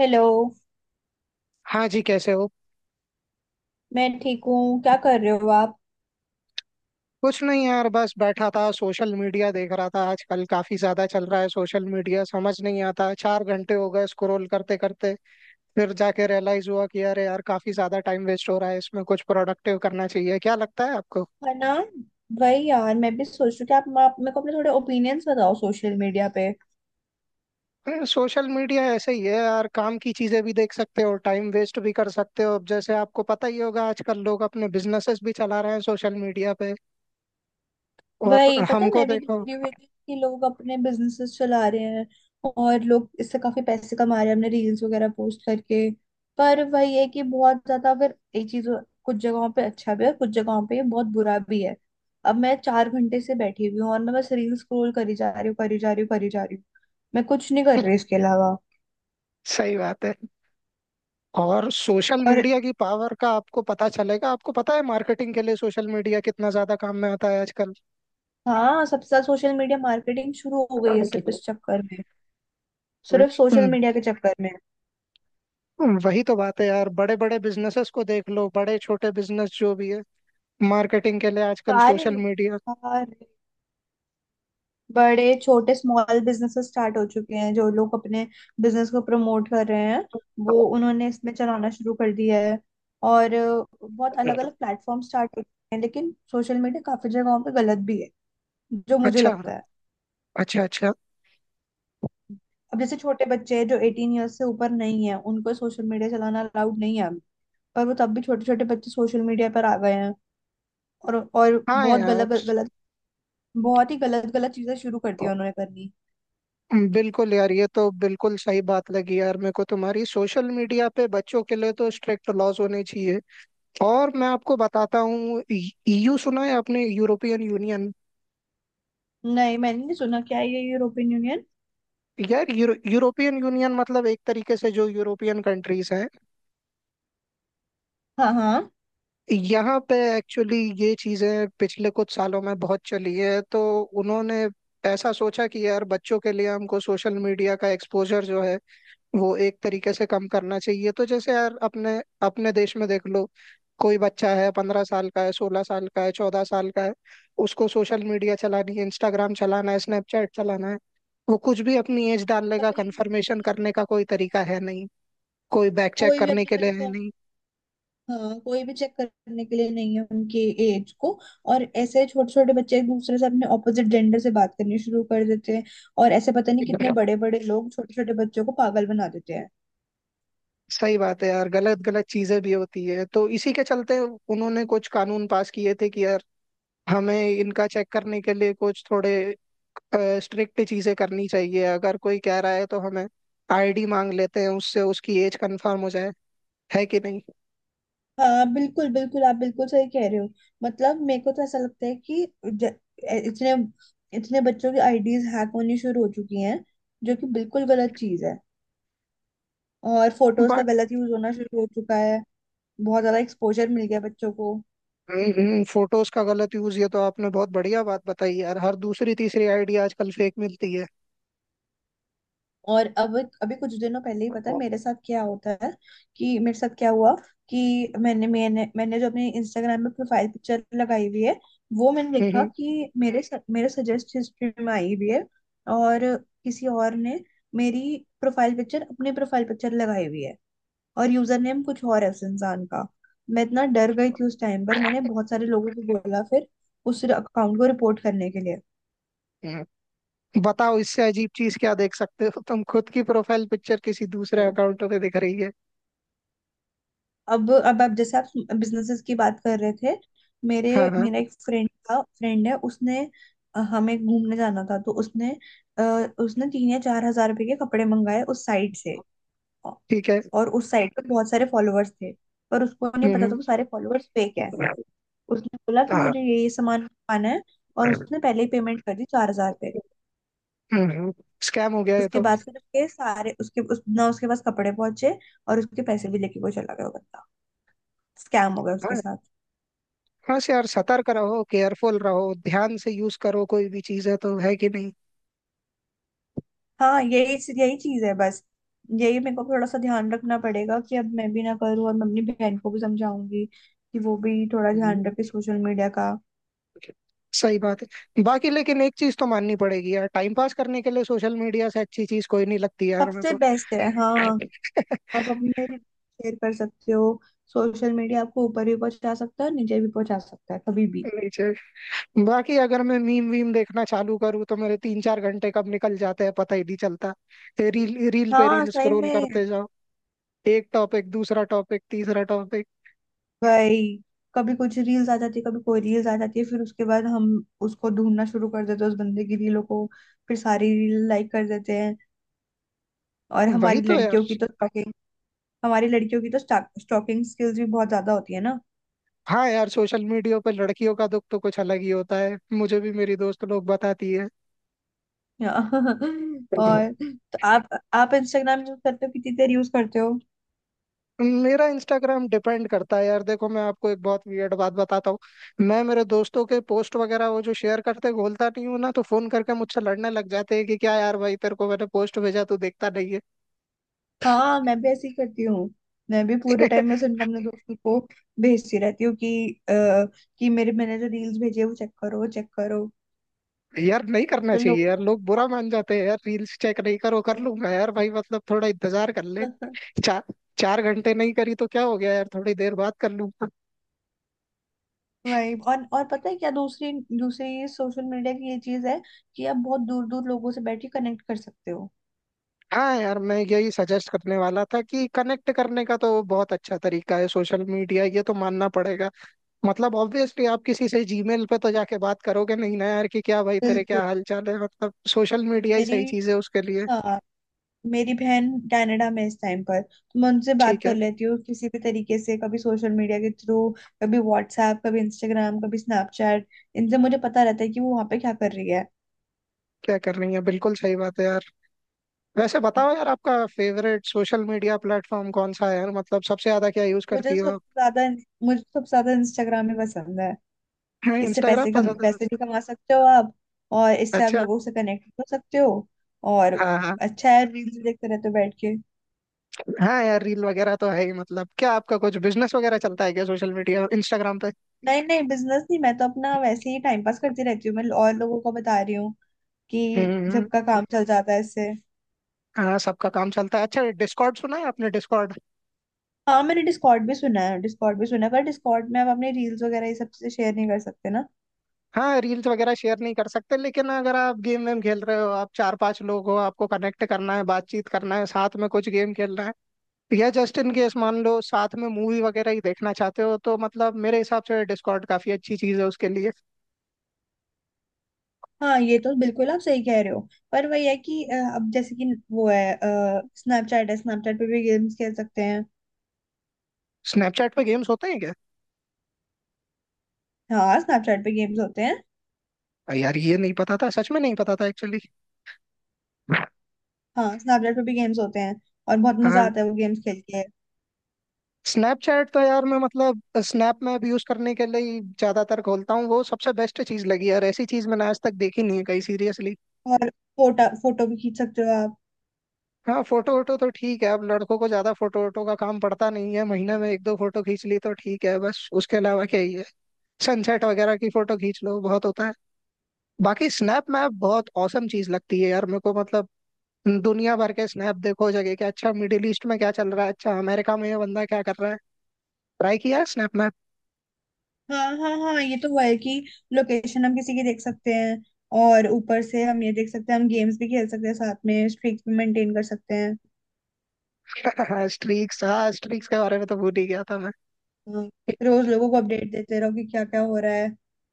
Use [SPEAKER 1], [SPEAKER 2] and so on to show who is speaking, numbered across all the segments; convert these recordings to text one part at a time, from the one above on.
[SPEAKER 1] Hello.
[SPEAKER 2] हाँ जी, कैसे हो।
[SPEAKER 1] मैं ठीक हूँ। क्या कर रहे हो आप?
[SPEAKER 2] कुछ नहीं यार, बस बैठा था, सोशल मीडिया देख रहा था। आजकल काफी ज्यादा चल रहा है सोशल मीडिया। समझ नहीं आता, चार घंटे हो गए स्क्रॉल करते करते। फिर जाके रियलाइज हुआ कि अरे यार, काफी ज्यादा टाइम वेस्ट हो रहा है इसमें, कुछ प्रोडक्टिव करना चाहिए। क्या लगता है आपको?
[SPEAKER 1] है ना। वही यार, मैं भी सोच रही हूँ कि आप मेरे को अपने थोड़े ओपिनियंस बताओ सोशल मीडिया पे।
[SPEAKER 2] अरे, सोशल मीडिया ऐसे ही है यार। काम की चीजें भी देख सकते हो, टाइम वेस्ट भी कर सकते हो। अब जैसे आपको पता ही होगा, आजकल लोग अपने बिजनेसेस भी चला रहे हैं सोशल मीडिया पे। और
[SPEAKER 1] वही पता है।
[SPEAKER 2] हमको
[SPEAKER 1] मैं भी देख
[SPEAKER 2] देखो।
[SPEAKER 1] रही हूँ कि लोग अपने बिजनेसेस चला रहे हैं, और लोग इससे काफी पैसे कमा रहे हैं अपने रील्स वगैरह पोस्ट करके। पर वही है कि बहुत ज्यादा फिर ये चीज, कुछ जगहों पे अच्छा भी है, कुछ जगहों पे ये बहुत बुरा भी है। अब मैं 4 घंटे से बैठी हुई हूँ और मैं बस रील्स स्क्रॉल करी जा रही हूँ, करी जा रही हूँ, करी जा रही हूँ। मैं कुछ नहीं कर रही इसके अलावा।
[SPEAKER 2] सही बात है। और सोशल
[SPEAKER 1] और
[SPEAKER 2] मीडिया की पावर का आपको पता चलेगा। आपको पता है मार्केटिंग के लिए सोशल मीडिया कितना ज्यादा काम में आता है आजकल।
[SPEAKER 1] हाँ, सबसे ज्यादा सोशल मीडिया मार्केटिंग शुरू हो गई है, सिर्फ इस चक्कर में, सिर्फ सोशल
[SPEAKER 2] हम्म,
[SPEAKER 1] मीडिया के चक्कर में।
[SPEAKER 2] वही तो बात है यार, बड़े बड़े बिजनेसेस को देख लो, बड़े छोटे बिजनेस जो भी है, मार्केटिंग के लिए आजकल
[SPEAKER 1] सारे
[SPEAKER 2] सोशल मीडिया।
[SPEAKER 1] सारे बड़े छोटे स्मॉल बिजनेसेस स्टार्ट हो चुके हैं। जो लोग अपने बिजनेस को प्रमोट कर रहे हैं, वो उन्होंने इसमें चलाना शुरू कर दिया है। और बहुत अलग अलग प्लेटफॉर्म स्टार्ट हो चुके हैं, लेकिन सोशल मीडिया काफी जगहों पे गलत भी है, जो मुझे
[SPEAKER 2] अच्छा,
[SPEAKER 1] लगता है।
[SPEAKER 2] अच्छा, अच्छा।
[SPEAKER 1] अब जैसे छोटे बच्चे हैं जो 18 ईयर्स से ऊपर नहीं है, उनको सोशल मीडिया चलाना अलाउड नहीं है अभी। पर वो तब भी छोटे छोटे बच्चे सोशल मीडिया पर आ गए हैं, और
[SPEAKER 2] हाँ
[SPEAKER 1] बहुत
[SPEAKER 2] यार।
[SPEAKER 1] गलत गलत, बहुत ही गलत गलत चीजें शुरू कर दी उन्होंने करनी।
[SPEAKER 2] बिल्कुल यार, ये तो बिल्कुल सही बात लगी यार मेरे को तुम्हारी। सोशल मीडिया पे बच्चों के लिए तो स्ट्रिक्ट लॉज होने चाहिए। और मैं आपको बताता हूँ, ईयू सुना है आपने? European union.
[SPEAKER 1] नहीं, मैंने नहीं सुना। क्या है ये यूरोपियन यूनियन?
[SPEAKER 2] यार यूरोपियन यूनियन मतलब एक तरीके से जो यूरोपियन कंट्रीज हैं
[SPEAKER 1] हाँ हाँ।
[SPEAKER 2] यहाँ पे, एक्चुअली ये चीजें पिछले कुछ सालों में बहुत चली है, तो उन्होंने ऐसा सोचा कि यार बच्चों के लिए हमको सोशल मीडिया का एक्सपोजर जो है वो एक तरीके से कम करना चाहिए। तो जैसे यार अपने अपने देश में देख लो, कोई बच्चा है 15 साल का है, 16 साल का है, 14 साल का है, उसको सोशल मीडिया चलानी है, इंस्टाग्राम चलाना है, स्नैपचैट चलाना है, वो कुछ भी अपनी एज डालने का,
[SPEAKER 1] वही
[SPEAKER 2] कंफर्मेशन
[SPEAKER 1] वही।
[SPEAKER 2] करने का कोई
[SPEAKER 1] हाँ,
[SPEAKER 2] तरीका है नहीं, कोई बैक चेक
[SPEAKER 1] कोई भी
[SPEAKER 2] करने
[SPEAKER 1] अपनी
[SPEAKER 2] के लिए है
[SPEAKER 1] कंफर्म
[SPEAKER 2] नहीं।
[SPEAKER 1] हाँ, कोई भी चेक करने के लिए नहीं है उनकी एज को। और ऐसे छोटे छोटे बच्चे एक दूसरे से अपने ऑपोजिट जेंडर से बात करनी शुरू कर देते हैं, और ऐसे पता नहीं कितने बड़े बड़े लोग छोटे छोटे बच्चों को पागल बना देते हैं।
[SPEAKER 2] सही बात है यार, गलत गलत चीजें भी होती है, तो इसी के चलते उन्होंने कुछ कानून पास किए थे कि यार हमें इनका चेक करने के लिए कुछ थोड़े स्ट्रिक्ट चीजें करनी चाहिए। अगर कोई कह रहा है तो हमें आईडी मांग लेते हैं उससे, उसकी एज कंफर्म हो जाए, है कि नहीं।
[SPEAKER 1] हाँ बिल्कुल बिल्कुल, आप बिल्कुल सही कह रहे हो। मतलब मेरे को तो ऐसा लगता है कि इतने इतने बच्चों की आईडीज हैक होनी शुरू हो चुकी हैं, जो कि बिल्कुल गलत चीज है। और फोटोज का गलत यूज होना शुरू हो चुका है। बहुत ज्यादा एक्सपोजर मिल गया बच्चों को।
[SPEAKER 2] बाकी फोटोज का गलत यूज, ये तो आपने बहुत बढ़िया बात बताई यार। हर दूसरी तीसरी आईडी आजकल फेक मिलती है।
[SPEAKER 1] और अब, अभी कुछ दिनों पहले ही, पता है मेरे साथ क्या होता है, कि मेरे साथ क्या हुआ, कि मैंने मैंने मैंने जो अपनी इंस्टाग्राम में प्रोफाइल पिक्चर लगाई हुई है, वो मैंने
[SPEAKER 2] हम्म,
[SPEAKER 1] देखा
[SPEAKER 2] हम्म।
[SPEAKER 1] कि मेरे सजेस्ट हिस्ट्री में आई हुई है। और किसी और ने मेरी प्रोफाइल पिक्चर अपनी प्रोफाइल पिक्चर लगाई हुई है, और यूजर नेम कुछ और है उस इंसान का। मैं इतना डर गई थी उस टाइम पर, मैंने बहुत सारे लोगों को बोला फिर उस अकाउंट को रिपोर्ट करने के
[SPEAKER 2] हम्म। बताओ इससे अजीब चीज क्या देख सकते हो, तुम खुद की प्रोफाइल पिक्चर किसी दूसरे
[SPEAKER 1] लिए।
[SPEAKER 2] अकाउंट पे दिख रही है।
[SPEAKER 1] अब आप, जैसे आप बिजनेसेस की बात कर रहे थे, मेरे
[SPEAKER 2] हाँ, हाँ।
[SPEAKER 1] मेरा एक फ्रेंड था, फ्रेंड है, उसने हमें घूमने जाना था तो उसने, अ, उसने 3 या 4 हजार रुपए के कपड़े मंगाए उस साइट से। औ-
[SPEAKER 2] ठीक है।
[SPEAKER 1] और उस साइट पे बहुत सारे फॉलोअर्स थे, पर उसको नहीं पता था
[SPEAKER 2] हम्म,
[SPEAKER 1] वो सारे फॉलोअर्स फेक है।
[SPEAKER 2] हम्म।
[SPEAKER 1] उसने बोला कि
[SPEAKER 2] हाँ।
[SPEAKER 1] मुझे ये सामान मंगवाना है, और उसने पहले ही पेमेंट कर दी, 4,000 रुपये।
[SPEAKER 2] हम्म, हम्म। स्कैम हो गया ये
[SPEAKER 1] उसके
[SPEAKER 2] तो।
[SPEAKER 1] बाद फिर उसके सारे ना उसके पास कपड़े पहुंचे, और उसके पैसे भी लेके वो चला गया वो बंदा। स्कैम हो गया उसके साथ।
[SPEAKER 2] बस यार सतर्क रहो, केयरफुल रहो, ध्यान से यूज करो कोई भी चीज, है तो है कि नहीं।
[SPEAKER 1] हाँ यही यही चीज है बस। यही मेरे को थोड़ा सा ध्यान रखना पड़ेगा कि अब मैं भी ना करूँ, और मैं अपनी बहन को भी समझाऊंगी कि वो भी थोड़ा ध्यान
[SPEAKER 2] हम्म।
[SPEAKER 1] रखे सोशल मीडिया का।
[SPEAKER 2] सही बात है। बाकी लेकिन एक चीज तो माननी पड़ेगी यार, टाइम पास करने के लिए सोशल मीडिया से अच्छी चीज कोई नहीं लगती यार मेरे
[SPEAKER 1] सबसे
[SPEAKER 2] को।
[SPEAKER 1] बेस्ट है, हाँ। आप अपने शेयर कर सकते हो। सोशल मीडिया आपको ऊपर भी पहुंचा सकता है और नीचे भी पहुंचा सकता है कभी भी।
[SPEAKER 2] नहीं चाहिए। बाकी अगर मैं मीम वीम देखना चालू करूँ, तो मेरे 3-4 घंटे कब निकल जाते हैं पता ही नहीं चलता। रील रील पे
[SPEAKER 1] हाँ
[SPEAKER 2] रील
[SPEAKER 1] सही
[SPEAKER 2] स्क्रॉल
[SPEAKER 1] में।
[SPEAKER 2] करते जाओ, एक टॉपिक, दूसरा टॉपिक, तीसरा टॉपिक।
[SPEAKER 1] भाई, कभी कुछ रील्स आ जाती है, कभी कोई रील्स आ जाती है, फिर उसके बाद हम उसको ढूंढना शुरू कर देते हैं उस बंदे की रीलों को, फिर सारी रील लाइक कर देते हैं। और
[SPEAKER 2] वही
[SPEAKER 1] हमारी
[SPEAKER 2] तो।
[SPEAKER 1] लड़कियों की तो हमारी लड़कियों की तो स्टॉकिंग स्किल्स भी बहुत ज्यादा होती है ना।
[SPEAKER 2] हाँ यार, सोशल मीडिया पर लड़कियों का दुख तो कुछ अलग ही होता है, मुझे भी मेरी दोस्त लोग बताती है।
[SPEAKER 1] और तो आप इंस्टाग्राम यूज करते हो, कितनी देर यूज करते हो?
[SPEAKER 2] मेरा इंस्टाग्राम डिपेंड करता है यार, देखो मैं आपको एक बहुत वियर्ड बात बताता हूँ। मैं मेरे दोस्तों के पोस्ट वगैरह वो जो शेयर करते हैं, खोलता नहीं हूँ, ना तो फोन करके मुझसे लड़ने लग जाते हैं कि क्या यार भाई, तेरे को मैंने पोस्ट भेजा, तू देखता नहीं है।
[SPEAKER 1] हाँ, मैं भी ऐसे ही करती हूँ। मैं भी पूरे टाइम बस इनकम अपने दोस्तों को भेजती रहती हूँ कि कि मेरे मैंने जो रील्स भेजे वो चेक करो, चेक करो।
[SPEAKER 2] यार नहीं करना
[SPEAKER 1] तो लोगों
[SPEAKER 2] चाहिए यार,
[SPEAKER 1] को
[SPEAKER 2] लोग बुरा मान जाते हैं यार। रील्स चेक नहीं करो, कर लूंगा यार भाई, मतलब थोड़ा इंतजार कर ले। चार चार घंटे नहीं करी तो क्या हो गया यार, थोड़ी देर बात कर लूँ।
[SPEAKER 1] वही, और पता है क्या, दूसरी दूसरी सोशल मीडिया की ये चीज है कि आप बहुत दूर दूर लोगों से बैठ के कनेक्ट कर सकते हो।
[SPEAKER 2] हाँ यार, मैं यही सजेस्ट करने वाला था कि कनेक्ट करने का तो बहुत अच्छा तरीका है सोशल मीडिया, ये तो मानना पड़ेगा। मतलब ऑब्वियसली आप किसी से जीमेल पे तो जाके बात करोगे नहीं ना यार, कि क्या भाई तेरे
[SPEAKER 1] बिल्कुल।
[SPEAKER 2] क्या हाल चाल है, मतलब सोशल मीडिया ही
[SPEAKER 1] मेरी
[SPEAKER 2] सही चीज है उसके लिए।
[SPEAKER 1] हाँ, मेरी बहन कनाडा में है इस टाइम पर, तो मैं उनसे बात
[SPEAKER 2] ठीक है।
[SPEAKER 1] कर लेती हूँ किसी भी तरीके से, कभी सोशल मीडिया के थ्रू, कभी व्हाट्सएप, कभी इंस्टाग्राम, कभी स्नैपचैट। इनसे मुझे पता रहता है कि वो वहाँ पे क्या कर रही है।
[SPEAKER 2] क्या कर रही है, बिल्कुल सही बात है यार। वैसे बताओ यार, आपका फेवरेट सोशल मीडिया प्लेटफॉर्म कौन सा है यार, मतलब सबसे ज्यादा क्या यूज
[SPEAKER 1] मुझे तो
[SPEAKER 2] करती हो?
[SPEAKER 1] सबसे ज्यादा मुझे तो सबसे ज्यादा इंस्टाग्राम ही पसंद है।
[SPEAKER 2] हाँ,
[SPEAKER 1] इससे
[SPEAKER 2] इंस्टाग्राम
[SPEAKER 1] पैसे, कम
[SPEAKER 2] पसंद है।
[SPEAKER 1] पैसे भी कमा सकते हो आप, और इससे आप
[SPEAKER 2] अच्छा।
[SPEAKER 1] लोगों से कनेक्ट हो सकते हो। और
[SPEAKER 2] हाँ, हाँ।
[SPEAKER 1] अच्छा है, रील्स देखते रहते हो बैठ के।
[SPEAKER 2] हाँ यार, रील वगैरह तो है ही, मतलब क्या आपका कुछ बिजनेस वगैरह चलता है क्या सोशल मीडिया इंस्टाग्राम पे?
[SPEAKER 1] नहीं नहीं, बिजनेस नहीं, मैं तो अपना वैसे ही टाइम पास करती रहती हूँ, मैं और लोगों को बता रही हूँ कि
[SPEAKER 2] हम्म।
[SPEAKER 1] जब का काम चल जाता है इससे।
[SPEAKER 2] हाँ, सबका काम चलता है। अच्छा, डिस्कॉर्ड सुना है आपने? डिस्कॉर्ड।
[SPEAKER 1] हाँ मैंने डिस्कॉर्ड भी सुना है, डिस्कॉर्ड भी सुना है, पर डिस्कॉर्ड में आप अपने रील्स वगैरह ये सब से शेयर नहीं कर सकते ना।
[SPEAKER 2] हाँ रील्स वगैरह शेयर नहीं कर सकते, लेकिन अगर आप गेम वेम खेल रहे हो, आप चार पांच लोग हो, आपको कनेक्ट करना है, बातचीत करना है, साथ में कुछ गेम खेलना है, या जस्ट इन केस मान लो साथ में मूवी वगैरह ही देखना चाहते हो, तो मतलब मेरे हिसाब से डिस्कॉर्ड काफी अच्छी चीज है उसके लिए।
[SPEAKER 1] हाँ ये तो बिल्कुल आप सही कह रहे हो। पर वही है कि अब जैसे कि वो है, स्नैपचैट है, स्नैपचैट पे भी गेम्स खेल सकते हैं।
[SPEAKER 2] स्नैपचैट पे गेम्स होते हैं क्या?
[SPEAKER 1] हाँ स्नैपचैट पे गेम्स होते हैं।
[SPEAKER 2] यार ये नहीं पता था, सच में नहीं पता था एक्चुअली।
[SPEAKER 1] हाँ स्नैपचैट पे भी गेम्स होते हैं, और बहुत मजा आता है वो गेम्स खेल के।
[SPEAKER 2] स्नैपचैट तो यार, मैं मतलब, स्नैप में अब यूज करने के लिए ही ज्यादातर खोलता हूँ। वो सबसे बेस्ट चीज लगी यार, ऐसी चीज मैंने आज तक देखी नहीं है कहीं, सीरियसली।
[SPEAKER 1] और फोटो फोटो भी खींच सकते हो आप।
[SPEAKER 2] हाँ फोटो वोटो तो ठीक है, अब लड़कों को ज्यादा फोटो वोटो का काम पड़ता नहीं है, महीने में एक दो फोटो खींच ली तो ठीक है, बस उसके अलावा क्या ही है। सनसेट वगैरह की फोटो खींच लो, बहुत होता है। बाकी स्नैप मैप बहुत औसम चीज लगती है यार मेरे को, मतलब दुनिया भर के स्नैप देखो जगह के, अच्छा मिडिल ईस्ट में क्या चल रहा है, अच्छा अमेरिका में ये बंदा क्या कर रहा है। ट्राई किया है स्नैप मैप?
[SPEAKER 1] हाँ हाँ हाँ, ये तो हुआ है कि लोकेशन हम किसी की देख सकते हैं, और ऊपर से हम ये देख सकते हैं, हम गेम्स भी खेल सकते हैं साथ में, स्ट्रीक भी मेंटेन कर सकते हैं।
[SPEAKER 2] हाँ, स्ट्रीक्स, हाँ स्ट्रीक्स के बारे में तो भूल ही गया था मैं।
[SPEAKER 1] हाँ, रोज लोगों को अपडेट देते रहो कि क्या क्या हो रहा है।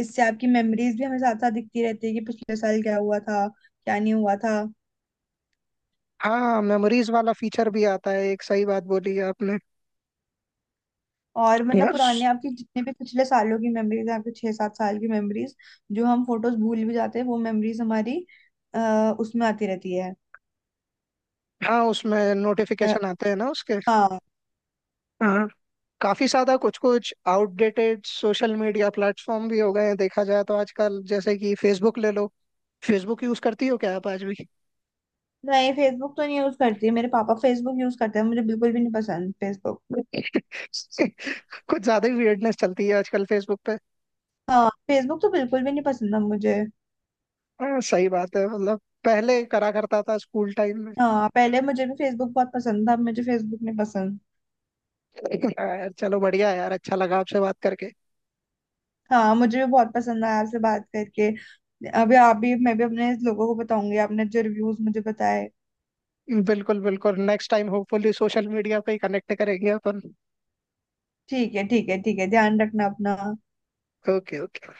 [SPEAKER 1] इससे आपकी मेमोरीज भी हमें साथ साथ दिखती रहती है, कि पिछले साल क्या हुआ था, क्या नहीं हुआ था।
[SPEAKER 2] हाँ, मेमोरीज वाला फीचर भी आता है, एक सही बात बोली है आपने।
[SPEAKER 1] और मतलब
[SPEAKER 2] यार
[SPEAKER 1] पुराने,
[SPEAKER 2] स-
[SPEAKER 1] आपकी जितने भी पिछले सालों की मेमोरीज हैं, आपके 6-7 साल की मेमोरीज, जो हम फोटोज भूल भी जाते हैं, वो मेमोरीज हमारी उसमें आती रहती है।
[SPEAKER 2] हाँ उसमें
[SPEAKER 1] अ,
[SPEAKER 2] नोटिफिकेशन आते हैं ना उसके।
[SPEAKER 1] हाँ।
[SPEAKER 2] हाँ, काफी ज्यादा कुछ कुछ आउटडेटेड सोशल मीडिया प्लेटफॉर्म भी हो गए हैं देखा जाए तो, आजकल जैसे कि फेसबुक ले लो। फेसबुक यूज करती हो क्या आप आज भी?
[SPEAKER 1] नहीं, फेसबुक तो नहीं यूज करती, मेरे पापा फेसबुक यूज करते हैं, मुझे बिल्कुल भी नहीं पसंद फेसबुक।
[SPEAKER 2] कुछ ज्यादा ही वियर्डनेस चलती है आजकल फेसबुक पे।
[SPEAKER 1] हाँ फेसबुक तो बिल्कुल भी नहीं पसंद था मुझे।
[SPEAKER 2] हाँ, सही बात है, मतलब पहले करा करता था स्कूल टाइम में।
[SPEAKER 1] हाँ, पहले मुझे भी फेसबुक बहुत पसंद था, अब मुझे फेसबुक नहीं पसंद।
[SPEAKER 2] यार चलो, बढ़िया है यार, अच्छा लगा आपसे बात करके।
[SPEAKER 1] हाँ मुझे भी बहुत पसंद आया आपसे बात करके। अभी आप भी, मैं भी अपने लोगों को बताऊंगी आपने जो रिव्यूज मुझे बताए।
[SPEAKER 2] बिल्कुल बिल्कुल, next time hopefully social media पे ही कनेक्ट करेंगे अपन।
[SPEAKER 1] ठीक है, ठीक है, ठीक है, ध्यान रखना अपना।
[SPEAKER 2] Okay, okay.